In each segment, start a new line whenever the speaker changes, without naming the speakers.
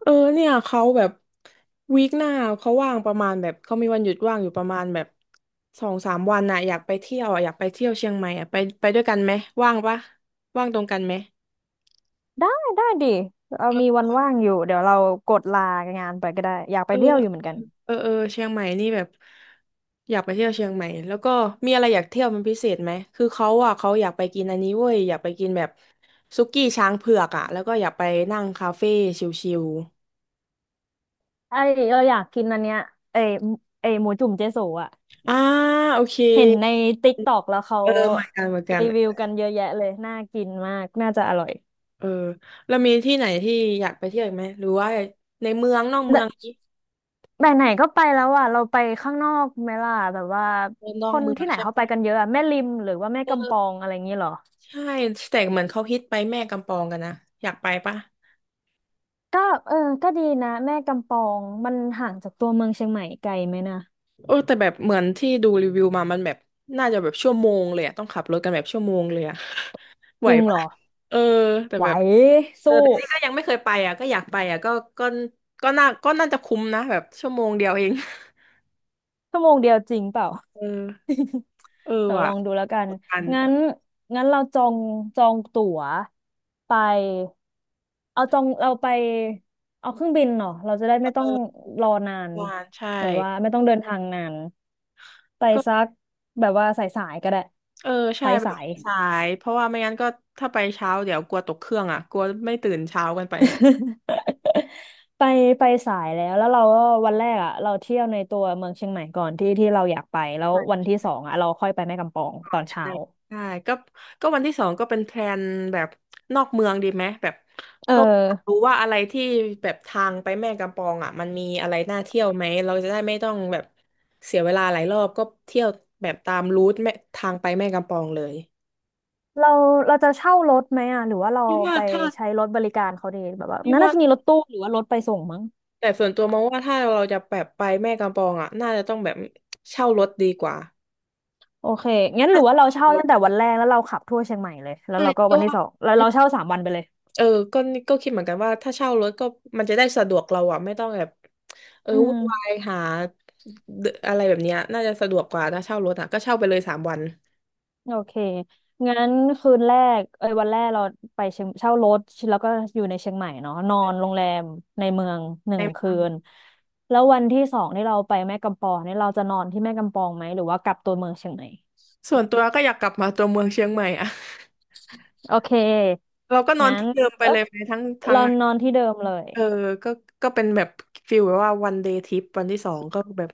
เนี่ยเขาแบบวีคหน้าเขาว่างประมาณแบบเขามีวันหยุดว่างอยู่ประมาณแบบสองสามวันน่ะอยากไปเที่ยวอ่ะอยากไปเที่ยวเชียงใหม่อ่ะไปไปด้วยกันไหมว่างปะว่างตรงกันไหม
ได้ได้ดิเรามีวันว่างอยู่เดี๋ยวเรากดลางานไปก็ได้อยาก
เอ
ไป
อ
เที่ยวอยู่เหมือนกัน
เชียงใหม่นี่แบบอยากไปเที่ยวเชียงใหม่แล้วก็มีอะไรอยากเที่ยวเป็นพิเศษไหมคือเขาอ่ะเขาอยากไปกินอันนี้เว้ยอยากไปกินแบบสุกี้ช้างเผือกอ่ะแล้วก็อยากไปนั่งคาเฟ่ชิล
ไอเราอยากกินอันเนี้ยไอไอยหมูจุ่มเจ๊โสอ่ะ
ๆอ่าโอเค
เห็นในติ๊กตอกแล้วเขา
เออเหมือนกันเหมือนกัน
รีวิวกันเยอะแยะเลยน่ากินมากน่าจะอร่อย
เออแล้วมีที่ไหนที่อยากไปเที่ยวอีกไหมหรือว่าในเมืองนอกเมืองนี้
แต่ไหนไหนก็ไปแล้วอ่ะเราไปข้างนอกไหมล่ะแบบว่า
ในนอ
ค
ก
น
เมือ
ที่
ง
ไหน
ใช่
เขาไป
ปะ
กันเยอะอะแม่ริมหรือว่าแม่กำป
เออ
องอะไรอย่างงี้เหรอ
ใช่แต่เหมือนเขาฮิตไปแม่กำปองกันนะอยากไปปะ
ก็เออก็ดีนะแม่กำปองมันห่างจากตัวเมืองเชียงใหม่ไกลไหมนะ
แต่แบบเหมือนที่ดูรีวิวมามันแบบน่าจะแบบชั่วโมงเลยอะต้องขับรถกันแบบชั่วโมงเลยอะ ไห
จ
ว
ริงเหร
ปะ
อ
เออแต่
ไหว
แบบ
สู้
แต่นี่ก็ยังไม่เคยไปอ่ะก็อยากไปอ่ะก็ก็ก็น่าก็น่าจะคุ้มนะแบบชั่วโมงเดียวเอง
ชั่วโมงเดียวจริงเปล่า
เออเออ
เดี๋ยวล
ว่ะ
องดูแล้วกั
ก
น
ดดัน
งั้นงั้นเราจองจองตั๋วไปเอาจองเราไปเอาเครื่องบินเนาะเราจะได้ไม่ต้อง
อ
รอนาน
กดดันใช่
แบบว่าไม่ต้องเดินทางนานไป
ก็
สักแบบว่าสายสายก็ได้
เออใช่
ไป
ไป
สาย
สายเพราะว่าไม่งั้นก็ถ้าไปเช้าเดี๋ยวกลัวตกเครื่องอ่ะกลัวไม่ตื่นเช้ากันไป
ไปไปสายแล้วแล้วเราก็วันแรกอ่ะเราเที่ยวในตัวเมืองเชียงใหม่ก่อนที่ที่เราอยากไปแล้ว
ใช่
วันที่สอง
ใช่
อ่ะเราค่อยไปแม่กำปอง
ใช
ตอนเช้า
่ใช่ก็ก็วันที่สองก็เป็นแพลนแบบนอกเมืองดีไหมแบบ
เอ
ก็
อ
รู้ว่าอะไรที่แบบทางไปแม่กำปองอ่ะมันมีอะไรน่าเที่ยวไหมเราจะได้ไม่ต้องแบบเสียเวลาหลายรอบก็เที่ยวแบบตามรูทแม่ทางไปแม่กำปองเลย
เราเราจะเช่ารถไหมอ่ะหรือว่าเรา
ที่ว่า
ไป
ถ้า
ใช้รถบริการเขาดีแบบว่า
ที่ว่า
น่าจะมีรถตู้หรือว่ารถไปส่งมั้ง
แต่ส่วนตัวมองว่าถ้าเราจะแบบไปแม่กำปองอ่ะน่าจะต้องแบบเช่ารถดีกว่า
โอเคงั้นหรือว่าเราเช่าตั้งแต่วันแรกแล้วเราขับทั่วเชียงใหม่เลยแล้ว
ใช่
เราก็
ก็
วันที่
ว่า
สองแล้วเราเช่าสามวันไปเลย
เออก็ก็คิดเหมือนกันว่าถ้าเช่ารถก็มันจะได้สะดวกเราอะไม่ต้องแบบ
อื
วุ่
ม
นวายหาเดอะไรแบบเนี้ยน่าจะสะดวกกว่าถ้าเช่ารถอะก็เช่าไปเลยสามวัน
โอเคงั้นคืนแรกเอ้ยวันแรกเราไปเชียงเช่ารถแล้วก็อยู่ในเชียงใหม่เนาะนอนโรงแรมในเมืองหนึ่
ใน
ง
เมื
คื
อง
นแล้ววันที่สองที่เราไปแม่กำปองนี่เราจะนอนที่แม่กำปองไหมหรือว่ากลับตัวเมืองเชียงใหม่
ส่วนตัวก็อยากกลับมาตัวเมืองเชียงใหม่อะ
โอเค
เราก็นอน
งั้น
ที่เดิมไป
เออ
เลยไหมทั้งทั้ง
เรานอนที่เดิมเลย
เออก็ก็เป็นแบบฟิลแบบว่าวันเดย์ทริปวันที่สองก็แบบ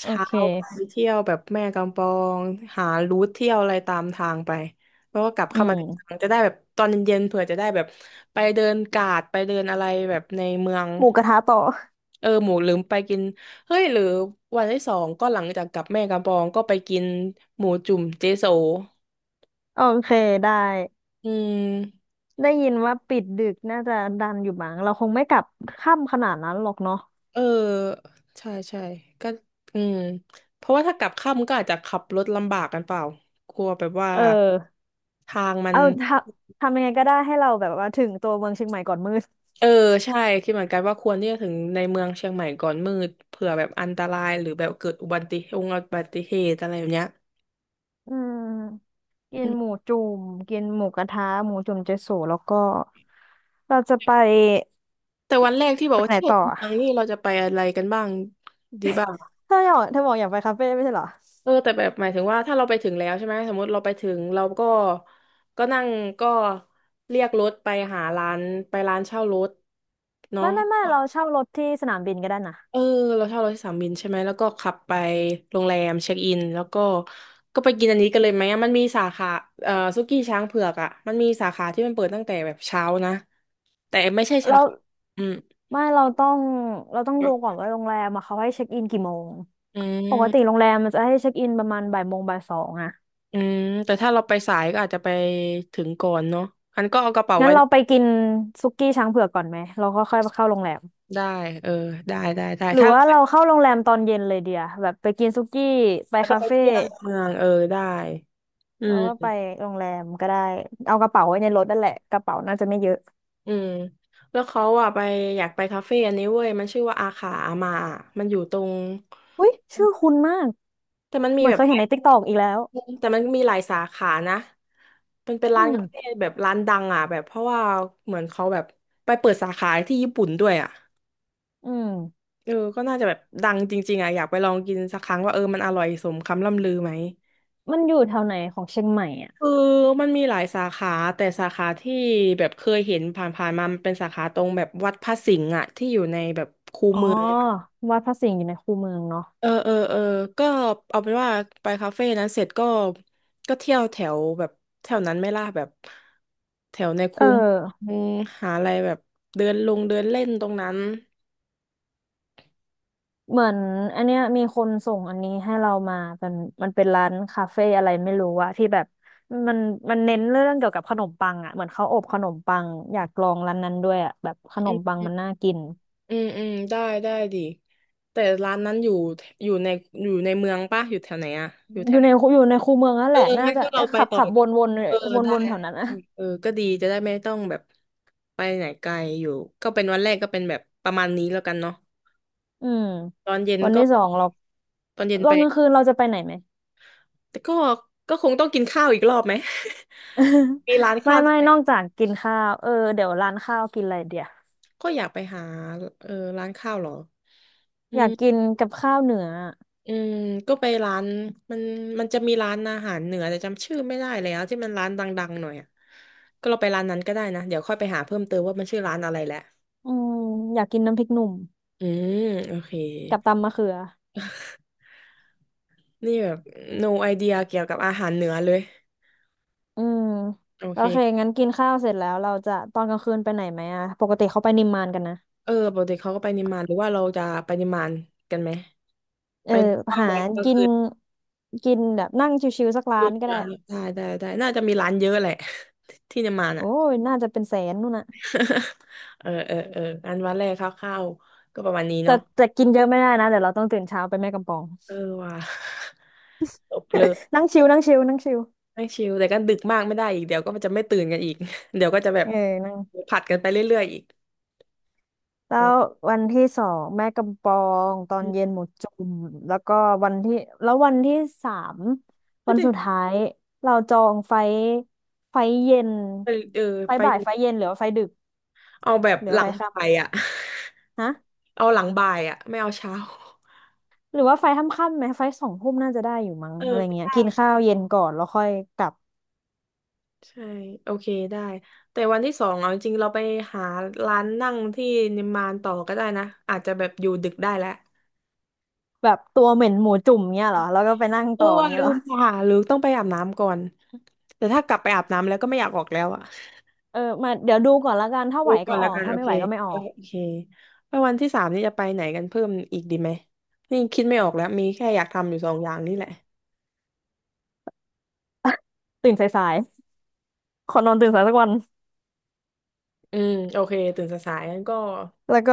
โอ
เช้า
เค
ไปเที่ยวแบบแม่กำปองหารูทเที่ยวอะไรตามทางไปแล้วก็กลับ
อื
เข้ามา
ม
ในเมืองจะได้แบบตอนเย็นๆเผื่อจะได้แบบไปเดินกาดไปเดินอะไรแบบในเมือง
หมูกระทะต่อ
หมูลืมไปกินเฮ้ยหรือวันที่สองก็หลังจากกลับแม่กำปองก็ไปกินหมูจุ่มเจโซ
โอเคได้
อืม
ได้ยินว่าปิดดึกน่าจะดันอยู่มั้งเราคงไม่กลับค่ำขนาดนั้นหรอกเนาะ
เออใช่ใช่ก็อืมเพราะว่าถ้ากลับค่ำก็อาจจะขับรถลำบากกันเปล่ากลัวแบบว่า
เออ
ทางมัน
เอาทำทำยังไงก็ได้ให้เราแบบว่าถึงตัวเมืองเชียงใหม่ก่อนมืด
เออใช่คิดเหมือนกันว่าควรที่จะถึงในเมืองเชียงใหม่ก่อนมืดเผื่อแบบอันตรายหรือแบบเกิดอุบัติเหตุอุบัติเหตุอะไรแบบเนี้ย
อืมกิ
อื
นหมู
ม
จุ่มกินหมูกระทะหมูจุ่มเจโสแล้วก็เราจะไป
แต่วันแรกที่บอ
ไป
กว่า
ไหน
เที่ยว
ต่อ
เม
อะ
ืองนี่เราจะไปอะไรกันบ้างดีบ้าง
เธออยากเธอบอกอยากไปคาเฟ่ไม่ใช่เหรอ
แต่แบบหมายถึงว่าถ้าเราไปถึงแล้วใช่ไหมสมมติเราไปถึงเราก็ก็นั่งก็เรียกรถไปหาร้านไปร้านเช่ารถเนาะ
ไม่ไม่ไม่เราเช่ารถที่สนามบินก็ได้นะ
เออเราเช่ารถที่สนามบินใช่ไหมแล้วก็ขับไปโรงแรมเช็คอินแล้วก็ก็ไปกินอันนี้กันเลยไหมอะมันมีสาขาสุกี้ช้างเผือกอ่ะมันมีสาขาที่มันเปิดตั้งแต่แบบเช้านะแต่ไม่ใช่สา
เรา
ขาอืม
ไม่เราต้องดูก่อนว่าโรงแรมอะเขาให้เช็คอินกี่โมง
อื
ปกติ
ม
โรงแรมมันจะให้เช็คอินประมาณบ่ายโมงบ่ายสองอะ
อืมแต่ถ้าเราไปสายก็อาจจะไปถึงก่อนเนาะอันก็เอากระเป๋า
งั้
ไว้
นเราไปกินสุกี้ช้างเผือกก่อนไหมเราก็ค่อยเข้าโรงแรม
ได้เออได้ได้ได้
หรือ
ถ้าเรา
ว่าเรา
ไป
เข้าโรงแรมตอนเย็นเลยเดียแบบไปกินสุกี้ไป
แล้วก็
คา
ไป
เฟ่
เที่ยวในเมืองเออได้อื
แล้วก็ไป
ม
โรงแรมก็ได้เอากระเป๋าไว้ในรถนั่นแหละกระเป๋าน่าจะไม่เยอะ
อืมแล้วเขาอ่ะไปอยากไปคาเฟ่อันนี้เว้ยมันชื่อว่าอาขาอามาอะมันอยู่ตรง
อุ้ยชื่อคุ้นมาก
แต่มันมี
เหมือน
แบ
เค
บ
ย
ห
เห็
ลา
น
ย
ในติ๊กตอกอีกแล้ว
แต่มันมีหลายสาขานะมันเป็นร้า
อื
น
ม
คาเฟ่แบบร้านดังอ่ะแบบเพราะว่าเหมือนเขาแบบไปเปิดสาขาที่ญี่ปุ่นด้วยอ่ะ
อืม
ก็น่าจะแบบดังจริงๆอ่ะอยากไปลองกินสักครั้งว่าเออมันอร่อยสมคำล่ำลือไหม
มันอยู่แถวไหนของเชียงใหม่อ่ะ
คือมันมีหลายสาขาแต่สาขาที่แบบเคยเห็นผ่านๆมามันเป็นสาขาตรงแบบวัดพระสิงห์อะที่อยู่ในแบบคู
อ๋อ
เมืองอะ
วัดพระสิงห์อยู่ในคูเมืองเนาะ
เออเออเออก็เอาเป็นว่าไปคาเฟ่นั้นเสร็จก็ก็เที่ยวแถวแบบแถวนั้นไหม่ล่ะแบบแถวใน
เอ
คู
อ
เมืองหาอะไรแบบเดินลงเดินเล่นตรงนั้น
เหมือนอันเนี้ยมีคนส่งอันนี้ให้เรามาเป็นมันเป็นร้านคาเฟ่อะไรไม่รู้อะที่แบบมันมันเน้นเรื่องเกี่ยวกับขนมปังอะเหมือนเขาอบขนมปังอยากลองร้านนั้นด้วยอะแบบขนม
อื
ปั
ม
งมันน่ากิน
อืมอืมได้ได้ดิแต่ร้านนั้นอยู่อยู่ในอยู่ในเมืองป่ะอยู่แถวไหนอะอยู่แถ
อ
ว
ยู่
ไหน
ในอยู่ในคูเมืองนั่น
เอ
แห
อ
ละน่า
งั้น
จะ
ก็เรา
ได้
ไป
ขับ
ต่อ
ขับวนวน
เออ
วน
ได้
วนๆแถวนั้นนะ
เออก็ดีจะได้ไม่ต้องแบบไปไหนไกลอยู่ก็เป็นวันแรกก็เป็นแบบประมาณนี้แล้วกันเนาะ
อืม
ตอนเย็น
วัน
ก็
ที่สองเรา
ตอนเย็น
ต
ไป
อนกลางคืนเราจะไปไหนไหม
แต่ก็ก็คงต้องกินข้าวอีกรอบไหม มีร้าน
ไม่
ข้าวที่
ไม่
ไหน
นอกจากกินข้าวเออเดี๋ยวร้านข้าวกินอะไรเดี๋ยว
ก็อยากไปหาเออร้านข้าวเหรออื
อยา
ม
กกินกับข้าวเหนืออะ
อืมก็ไปร้านมันมันจะมีร้านอาหารเหนือแต่จำชื่อไม่ได้แล้วที่มันร้านดังๆหน่อยอะก็เราไปร้านนั้นก็ได้นะเดี๋ยวค่อยไปหาเพิ่มเติมว่ามันชื่อร้านอะไรแหละ
อืมอยากกินน้ำพริกหนุ่ม
อืมโอเค
กับตำมะเขือ
นี่แบบ no idea เกี่ยวกับอาหารเหนือเลย
อืม
โอ
โอ
เค
เคงั้นกินข้าวเสร็จแล้วเราจะตอนกลางคืนไปไหนไหมอะปกติเขาไปนิมมานกันนะ
เออปกติเขาก็ไปนิมมานหรือว่าเราจะไปนิมมานกันไหม
เอ
ไป
อ
ว่าง
หา
ไว้ก็
กิ
คื
น
อ
กินแบบนั่งชิวๆสัก
ดู
ร้านก็ได้
ร้านได้น่าจะมีร้านเยอะแหละ ที่นิมมาน
โอ้
อ่ะ
ยน่าจะเป็นแสนนู่นน่ะ
เอออันวันแรกคร่าวๆก็ประมาณนี้
แต่
เนาะ
แต่กินเยอะไม่ได้นะเดี๋ยวเราต้องตื่นเช้าไปแม่กำปอง
เออว่ะ จบเลย
นั่งชิวนั่งชิวนั่งชิว
ไม่ชิลแต่ก็ดึกมากไม่ได้อีกเดี๋ยวก็จะไม่ตื่นกันอีก เดี๋ยวก็จะแบ
เอ
บ
อนั่ง
ผัดกันไปเรื่อยๆอีก
แล้ว
เออ
วันที่สองแม่กำปองตอนเย็นหมูจุ่มแล้วก็วันที่แล้ววันที่สาม
ก็
วัน
จะ
สุดท้ายเราจองไฟเย็น
เออ
ไฟ
ไฟ
บ่ายไฟเย็นหรือว่าไฟดึก
เอาแบบ
หรือ
หลั
ว่าไฟ
ง
ทค่
บ่ายอ่ะ
ำฮะ
เอาหลังบ่ายอ่ะไม่เอาเช้า
หรือว่าไฟทค่ำๆไหมไฟสองทุ่มน่าจะได้อยู่มั้ง
เออ
อะไรเงี้ยกิน
ได้
ข้าวเย็นก่อนแล้วค่อยกลับ
ใช่โอเคได้แต่วันที่สองเอาจริงๆเราไปหาร้านนั่งที่นิมมานต่อก็ได้นะอาจจะแบบอยู่ดึกได้แล้ว
แบบตัวเหม็นหมูจุ่มเงี้ยเหรอแล้วก็ไปนั่ง
เออ
ต่อ
ว่า
เงี้ย
ลื
เหรอ
มไปหาหรือต้องไปอาบน้ำก่อนแต่ถ้ากลับไปอาบน้ำแล้วก็ไม่อยากออกแล้วอ่ะ
เออมาเดี๋ยวดูก่อนละกันถ้า
ดู
ไหว
ก่
ก็
อน
อ
แล้
อ
ว
ก
กัน
ถ้า
โอ
ไม่
เค
ไหวก็ไม่อ
เอ
อ
อ
ก
โอเคแล้ววันที่สามนี่จะไปไหนกันเพิ่มอีกดีไหมนี่คิดไม่ออกแล้วมีแค่อยากทำอยู่สองอย่างนี่แหละ
ตื่นสายๆขอนอนตื่นสายสักวัน
อืมโอเคตื่นสายๆงั้นก็
แล้วก็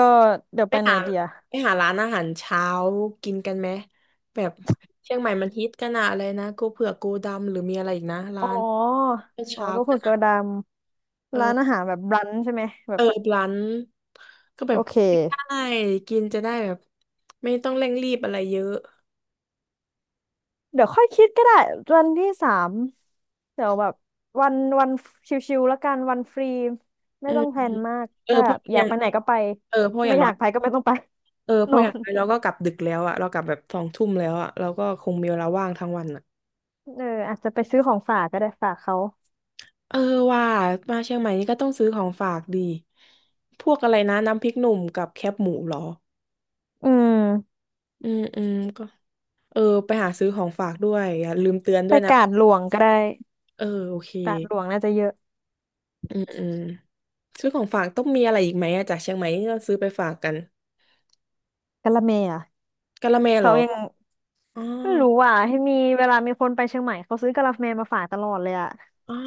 เดี๋ยว
ไป
ไปไหน
หา
เดีย
ไปหาร้านอาหารเช้ากินกันไหมแบบเชียงใหม่มันฮิตกันอะอะไรนะกูเผือกกูดำหรือมีอะไรอีกนะ
อ๋
ร้า
อ
น
อ๋อ
เช้า
ก็คื
กั
อ
น
ก
อะ
ระดามร้าน
เออ
อาหารแบบรันช์ใช่ไหมแบ
เอ
บ
อร้านก็แบ
โอ
บ
เค
ได้กินจะได้แบบไม่ต้องเร่งรีบอะไรเยอะ
เดี๋ยวค่อยคิดก็ได้วันที่สามเดี๋ยวแบบวันวันชิวๆแล้วกันวันฟรีไม่
อื
ต้
ม
องแพลนมาก
เออ
ถ้า
เพ
แบ
ราะ
บอ
อ
ยาก
ย่าง
ไปไหนก็ไป
เออเพราะอ
ไม่
ย่าง
อ
น้อ
ยา
ย
กไปก็ไม่ต้องไป
เออเพ
นอ
ราะอย่าง
น
น้อยเราก็กลับดึกแล้วอะเรากลับแบบสองทุ่มแล้วอะเราก็คงมีเวลาว่างทั้งวันอะ
เอออาจจะไปซื้อของฝากก็ได้ฝากเขา
เออว่ามาเชียงใหม่นี่ก็ต้องซื้อของฝากดีพวกอะไรนะน้ำพริกหนุ่มกับแคบหมูเหรอ
อืม
อืมอืมก็เออไปหาซื้อของฝากด้วยอย่าลืมเตือนด้
ไป
วยนะ
กาดหลวงก็ได้
เออโอเค
กาดหลวงน่าจะเยอะ
อืมอืมซื้อของฝากต้องมีอะไรอีกไหมอะจากเชียงใหม่ที่เราซื้อไปฝากกัน
กะละแมอ่ะ
กะละแมเหร
เขา
อ
ยัง
อ๋อ
ไม่รู้อ่ะให้มีเวลามีคนไปเชียงใหม่เขาซื้อกะละแมมาฝากตลอดเลยอ่ะ
อ่า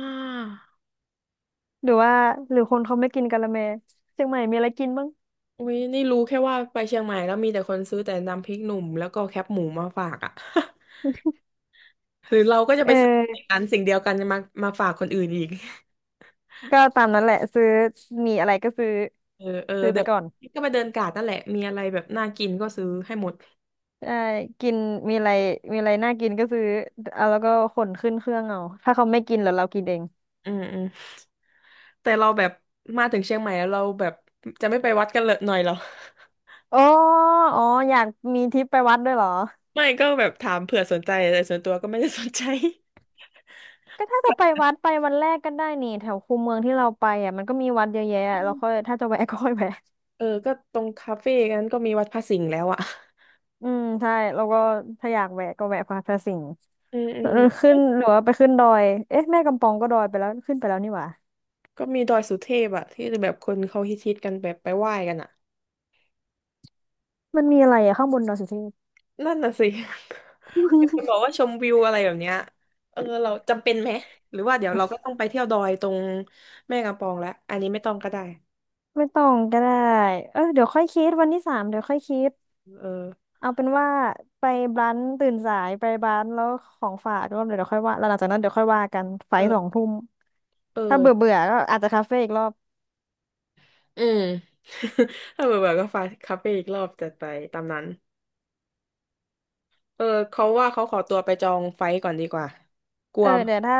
หรือว่าหรือคนเขาไม่กินกะละแมเชียงใหม่มีอะไรกินบ้าง
อุ้ยนี่รู้แค่ว่าไปเชียงใหม่แล้วมีแต่คนซื้อแต่น้ำพริกหนุ่มแล้วก็แคปหมูมาฝากอะ หรือเราก็จะ
เอ
ไปซื้อ
อ
อันสิ่งเดียวกันจะมาฝากคนอื่นอีก
ก็ตามนั้นแหละซื้อมีอะไรก็ซื้อ
เออเออ
ซื้อไป
เดี๋ยว
ก่อน
ก็ไปเดินกาดนั่นแหละมีอะไรแบบน่ากินก็ซื้อให้หมด
ใช่กินมีอะไรมีอะไรน่ากินก็ซื้อเอาแล้วก็ขนขึ้นเครื่องเอาถ้าเขาไม่กินแล้วเรากินเอง
อืมอืม แต่เราแบบมาถึงเชียงใหม่แล้วเราแบบจะไม่ไปวัดกันเลยหน่อยเหรอ
อ๋ออ๋ออยากมีทริปไปวัดด้วยเหรอ
ไม่ก็แบบถามเผื่อสนใจแต่ส่วนตัวก็ไม่ได้สนใจ
ก็ถ้าจะไปวัดไปวันแรกก็ได้นี่แถวคูเมืองที่เราไปอ่ะมันก็มีวัดเยอะแยะเราค่อยถ้าจะแวะ ก็ค่อยแวะ
เออก็ตรงคาเฟ่นั้นก็มีวัดพระสิงห์แล้วอ่ะ
อืมใช่แล้วก็ถ้าอยากแวะก็แวะพาพระสิงห์
อืมอื
เออ
ม
ขึ้นหรือว่าไปขึ้นดอยเอ๊ะแม่กำปองก็ดอยไปแล้วขึ้นไปแล้วนี่หว่า
ก็มีดอยสุเทพอ่ะที่แบบคนเขาฮิตๆกันแบบไปไหว้กันอ่ะ
มันมีอะไรอะข้างบนดอยสุเทพ
นั่นน่ะสิ มีคนบอก ว่าชมวิวอะไรแบบเนี้ยเออเราจำเป็นไหมหรือว่าเดี๋ยวเราก็ต้องไปเที่ยวดอยตรงแม่กำปองแล้วอันนี้ไม่ต้องก็ได้
ไม่ต้องก็ได้เออเดี๋ยวค่อยคิดวันที่สามเดี๋ยวค่อยคิด
เออ
เอาเป็นว่าไปบ้านตื่นสายไปบ้านแล้วของฝากด้ยเดี๋ยวค่อยว่าแล้วหลังจากนั้นเดี๋ยวค่อยว่ากันไฟ
เอ
สอง
อ
ทุ่ม
เอ
ถ้า
อ
เบื่อเบื่อก็อาจจะคาเฟ่อีกรอบ
อืม ถ้าเบื่อเบื่อก็ฟาคาเฟ่อีกรอบจัดไปตามนั้น เออ เขาว่าเขาขอตัวไปจองไฟท์ก่อนดีกว่ากลั
เอ
ว
อเดี๋ยวถ้า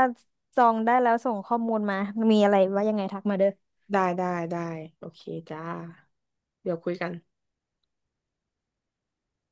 จองได้แล้วส่งข้อมูลมามีอะไรว่ายังไงทักมาเด้อ
ได้ได้ได้ โอเคจ้า เดี๋ยวคุยกัน